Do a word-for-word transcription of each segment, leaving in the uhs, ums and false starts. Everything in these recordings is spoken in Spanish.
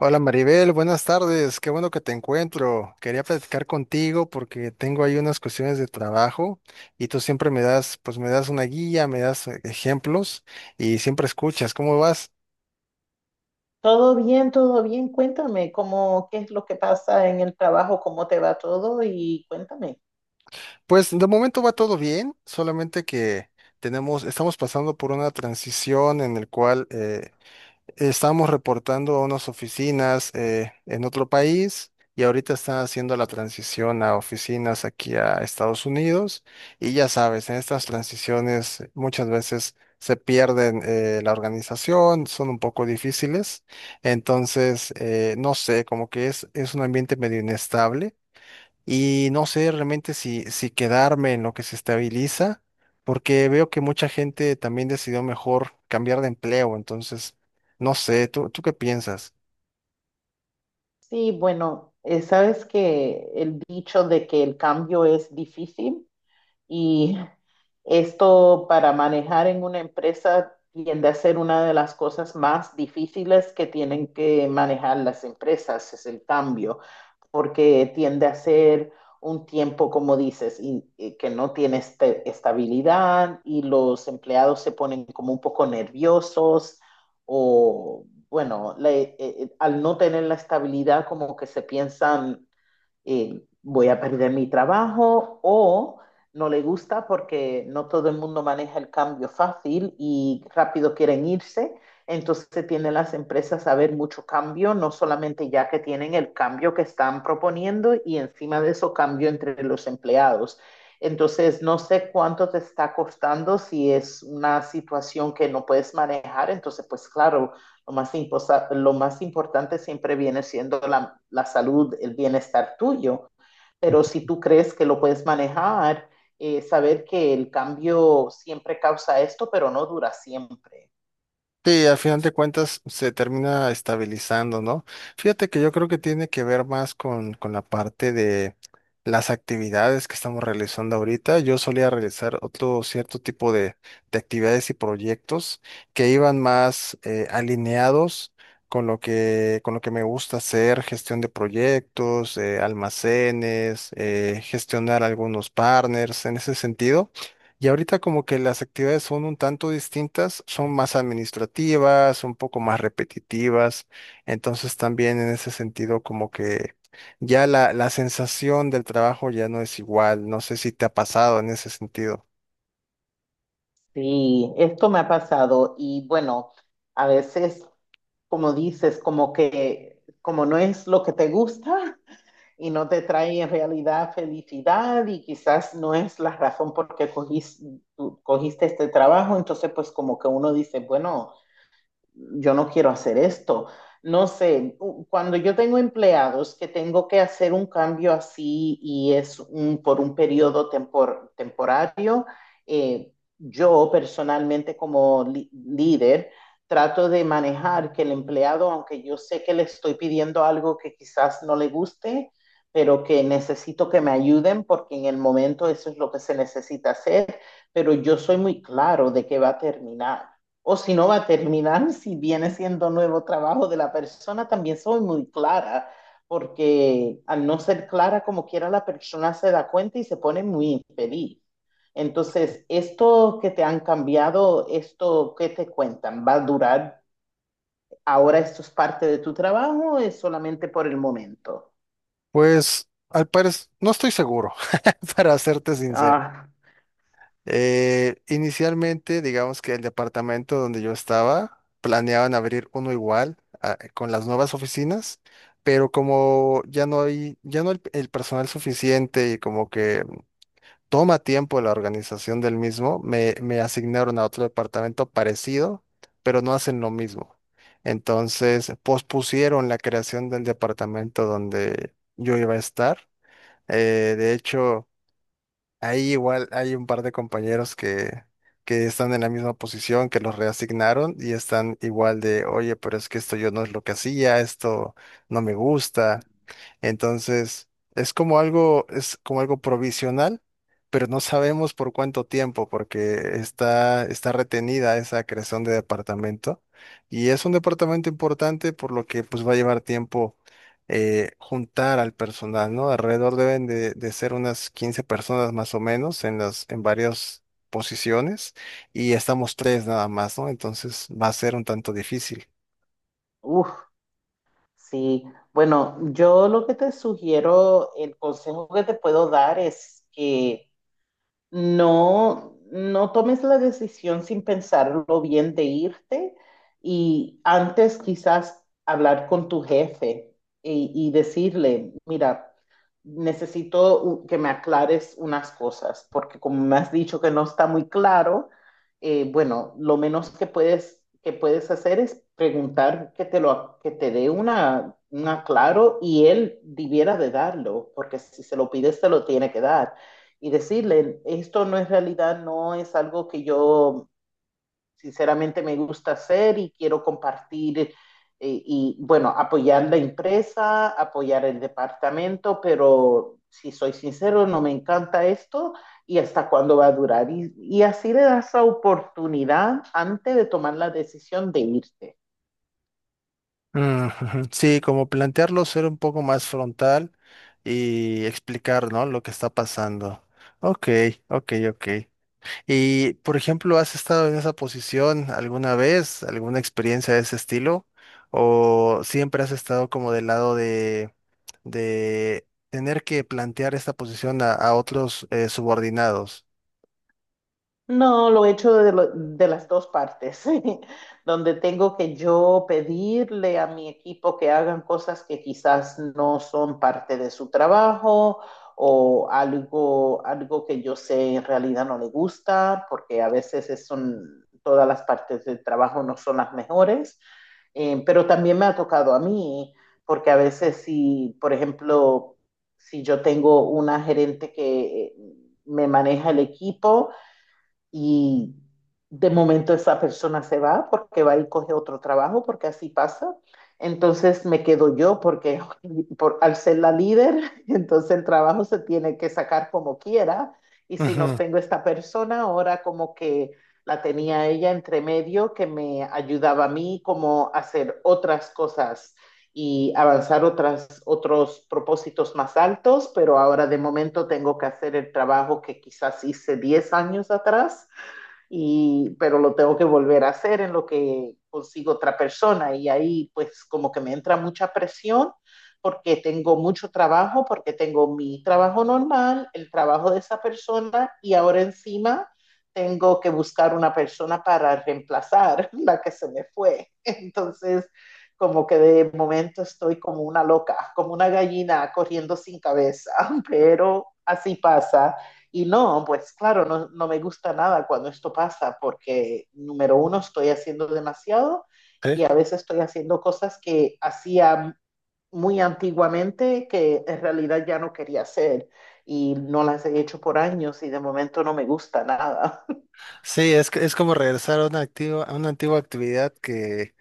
Hola Maribel, buenas tardes, qué bueno que te encuentro. Quería platicar contigo porque tengo ahí unas cuestiones de trabajo y tú siempre me das, pues me das una guía, me das eh, ejemplos y siempre escuchas. ¿Cómo vas? Todo bien, todo bien. Cuéntame cómo, qué es lo que pasa en el trabajo, cómo te va todo y cuéntame. Pues de momento va todo bien, solamente que tenemos, estamos pasando por una transición en el cual eh, Estábamos reportando a unas oficinas eh, en otro país y ahorita están haciendo la transición a oficinas aquí a Estados Unidos. Y ya sabes, en estas transiciones muchas veces se pierden eh, la organización, son un poco difíciles. Entonces, eh, no sé, como que es, es un ambiente medio inestable y no sé realmente si, si quedarme en lo que se estabiliza, porque veo que mucha gente también decidió mejor cambiar de empleo, entonces, no sé, ¿tú, tú qué piensas? Sí, bueno, eh, sabes que el dicho de que el cambio es difícil, y esto para manejar en una empresa tiende a ser una de las cosas más difíciles que tienen que manejar las empresas, es el cambio, porque tiende a ser un tiempo, como dices, y, y que no tiene este- estabilidad y los empleados se ponen como un poco nerviosos o, bueno, le- eh, eh, al no tener la estabilidad como que se piensan, eh, voy a perder mi trabajo o no le gusta porque no todo el mundo maneja el cambio fácil y rápido quieren irse. Entonces tienen las empresas a ver mucho cambio, no solamente ya que tienen el cambio que están proponiendo y encima de eso cambio entre los empleados. Entonces, no sé cuánto te está costando si es una situación que no puedes manejar. Entonces, pues claro, lo más, imposa, lo más importante siempre viene siendo la, la, salud, el bienestar tuyo, pero si tú crees que lo puedes manejar, eh, saber que el cambio siempre causa esto, pero no dura siempre. Sí, al final de cuentas se termina estabilizando, ¿no? Fíjate que yo creo que tiene que ver más con, con la parte de las actividades que estamos realizando ahorita. Yo solía realizar otro cierto tipo de, de actividades y proyectos que iban más eh, alineados con lo que, con lo que me gusta hacer, gestión de proyectos, eh, almacenes, eh, gestionar algunos partners en ese sentido. Y ahorita como que las actividades son un tanto distintas, son más administrativas, un poco más repetitivas, entonces también en ese sentido como que ya la, la sensación del trabajo ya no es igual, no sé si te ha pasado en ese sentido. Sí, esto me ha pasado y bueno, a veces, como dices, como que, como no es lo que te gusta, y no te trae en realidad felicidad y quizás no es la razón por qué cogiste, cogiste este trabajo, entonces pues como que uno dice, bueno, yo no quiero hacer esto. No sé, cuando yo tengo empleados que tengo que hacer un cambio así y es un- por un periodo tempor- temporario, eh, yo personalmente como li- líder trato de manejar que el empleado, aunque yo sé que le estoy pidiendo algo que quizás no le guste, pero que necesito que me ayuden porque en el momento eso es lo que se necesita hacer, pero yo soy muy claro de que va a terminar. O si no va a terminar, si viene siendo nuevo trabajo de la persona, también soy muy clara, porque al no ser clara como quiera, la persona se da cuenta y se pone muy infeliz. Entonces, esto que te han cambiado, esto que te cuentan, ¿va a durar? ¿Ahora esto es parte de tu trabajo o es solamente por el momento? Pues al parecer, no estoy seguro, para serte sincero. Ah, Eh, inicialmente, digamos que el departamento donde yo estaba planeaban abrir uno igual a- con las nuevas oficinas, pero como ya no hay, ya no hay el personal suficiente y como que toma tiempo la organización del mismo, me, me asignaron a otro departamento parecido, pero no hacen lo mismo. Entonces, pospusieron la creación del departamento donde yo iba a estar. Eh, de hecho... Ahí igual hay un par de compañeros que, que están en la misma posición, que los reasignaron y están igual de, oye, pero es que esto yo no es lo que hacía, esto no me gusta. Entonces, es como algo, es como algo provisional, pero no sabemos por cuánto tiempo, porque está, está retenida esa creación de departamento. Y es un departamento importante, por lo que pues va a llevar tiempo eh, juntar al personal, ¿no? Alrededor deben de, de ser unas quince personas más o menos en las, en varias posiciones y estamos tres nada más, ¿no? Entonces va a ser un tanto difícil. uff, sí. Bueno, yo lo que te sugiero, el consejo que te puedo dar es que no, no tomes la decisión sin pensarlo bien de irte y antes quizás hablar con tu jefe y, y decirle, mira, necesito u- que me aclares unas cosas, porque como me has dicho que no está muy claro, eh, bueno, lo menos que puedes, que puedes hacer es preguntar que te lo, que te dé una, un aclaro y él debiera de darlo, porque si se lo pides, te lo tiene que dar y decirle, esto no es realidad, no es algo que yo sinceramente me gusta hacer y quiero compartir, eh, y bueno, apoyar la empresa, apoyar el departamento, pero si soy sincero, no me encanta esto y hasta cuándo va a durar. Y, y así le das la oportunidad antes de tomar la decisión de irte. Mm, ujú. Sí, como plantearlo, ser un poco más frontal y explicar, ¿no? Lo que está pasando. Ok, ok, ok. Y, por ejemplo, ¿has estado en esa posición alguna vez? ¿Alguna experiencia de ese estilo? ¿O siempre has estado como del lado de, de tener que plantear esta posición a, a otros eh, subordinados? No, lo he hecho de, lo- de las dos partes, donde tengo que yo pedirle a mi equipo que hagan cosas que quizás no son parte de su trabajo o algo, algo que yo sé en realidad no le gusta, porque a veces es un- todas las partes del trabajo no son las mejores. Eh, pero también me ha tocado a mí, porque a veces si, por ejemplo, si yo tengo una gerente que eh, me maneja el equipo, y de momento esa persona se va porque va y coge otro trabajo, porque así pasa. Entonces me quedo yo porque por, al ser la líder, entonces el trabajo se tiene que sacar como quiera. Y si no Ujú. tengo esta persona, ahora como que la tenía ella entre medio que me ayudaba a mí como a hacer otras cosas y avanzar otras, otros propósitos más altos, pero ahora de momento tengo que hacer el trabajo que quizás hice diez años atrás y, pero lo tengo que volver a hacer en lo que consigo otra persona y ahí pues como que me entra mucha presión porque tengo mucho trabajo, porque tengo mi trabajo normal, el trabajo de esa persona y ahora encima tengo que buscar una persona para reemplazar la que se me fue. Entonces, como que de momento estoy como una loca, como una gallina corriendo sin cabeza, pero así pasa. Y no, pues claro, no, no me gusta nada cuando esto pasa porque, número uno, estoy haciendo demasiado Sí. y a veces estoy haciendo cosas que hacía muy antiguamente que en realidad ya no quería hacer y no las he hecho por años y de momento no me gusta nada. Sí, es, que- es como regresar a una, activa, a una antigua actividad que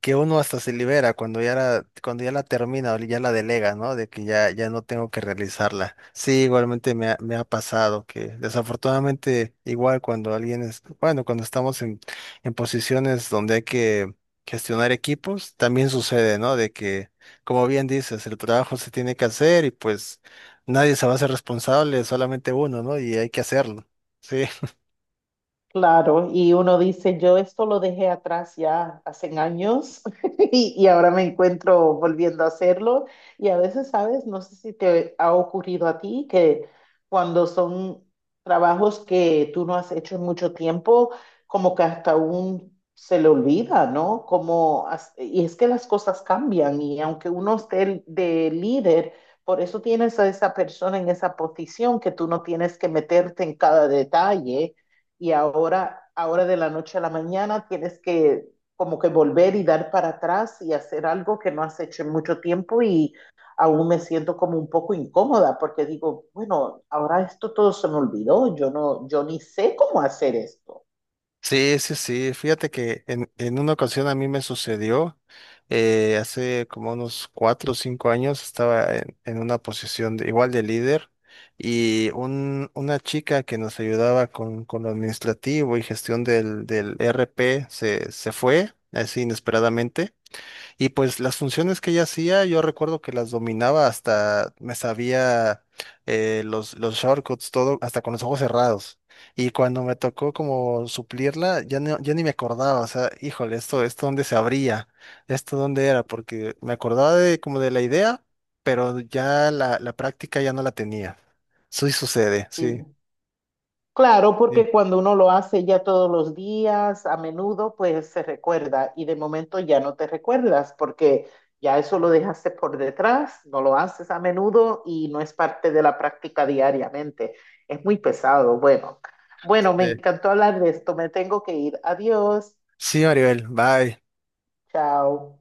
que uno hasta se libera cuando ya la, cuando ya la termina o ya la delega, ¿no? De que ya, ya no tengo que realizarla. Sí, igualmente me ha, me ha pasado que desafortunadamente igual cuando alguien es, bueno, cuando estamos en, en posiciones donde hay que gestionar equipos, también sucede, ¿no? De que, como bien dices, el trabajo se tiene que hacer y pues nadie se va a hacer responsable, solamente uno, ¿no? Y hay que hacerlo. Sí. Claro, y uno dice, yo esto lo dejé atrás ya hace años y, y ahora me encuentro volviendo a hacerlo. Y a veces, ¿sabes? No sé si te ha ocurrido a ti que cuando son trabajos que tú no has hecho en mucho tiempo, como que hasta aún se le olvida, ¿no? Como, as- y es que las cosas cambian y aunque uno esté de líder, por eso tienes a esa persona en esa posición que tú no tienes que meterte en cada detalle y ahora, ahora de la noche a la mañana tienes que como que volver y dar para atrás y hacer algo que no has hecho en mucho tiempo y aún me siento como un poco incómoda porque digo, bueno, ahora esto todo se me olvidó, yo no, yo ni sé cómo hacer esto. Sí, sí, sí. Fíjate que en, en una ocasión a mí me sucedió, eh, hace como unos cuatro o cinco años, estaba en, en una posición de- igual de líder y un, una chica que nos ayudaba con, con lo administrativo y gestión del, del R P se, se fue así inesperadamente y pues las funciones que ella hacía, yo recuerdo que las dominaba hasta, me sabía eh, los, los shortcuts, todo, hasta con los ojos cerrados. Y cuando me tocó como suplirla, ya, no, ya ni me acordaba, o sea, híjole, esto, esto dónde se abría, esto dónde era, porque me acordaba de como de la idea, pero ya la, la práctica ya no la tenía. Sí sucede, sí. Sí. Claro, Sí, porque cuando uno lo hace ya todos los días, a menudo, pues se recuerda y de momento ya no te recuerdas porque ya eso lo dejaste por detrás, no lo haces a menudo y no es parte de la práctica diariamente. Es muy pesado. Bueno, bueno, me sí. encantó hablar de esto. Me tengo que ir. Adiós. Sí, Maribel, bye. Chao.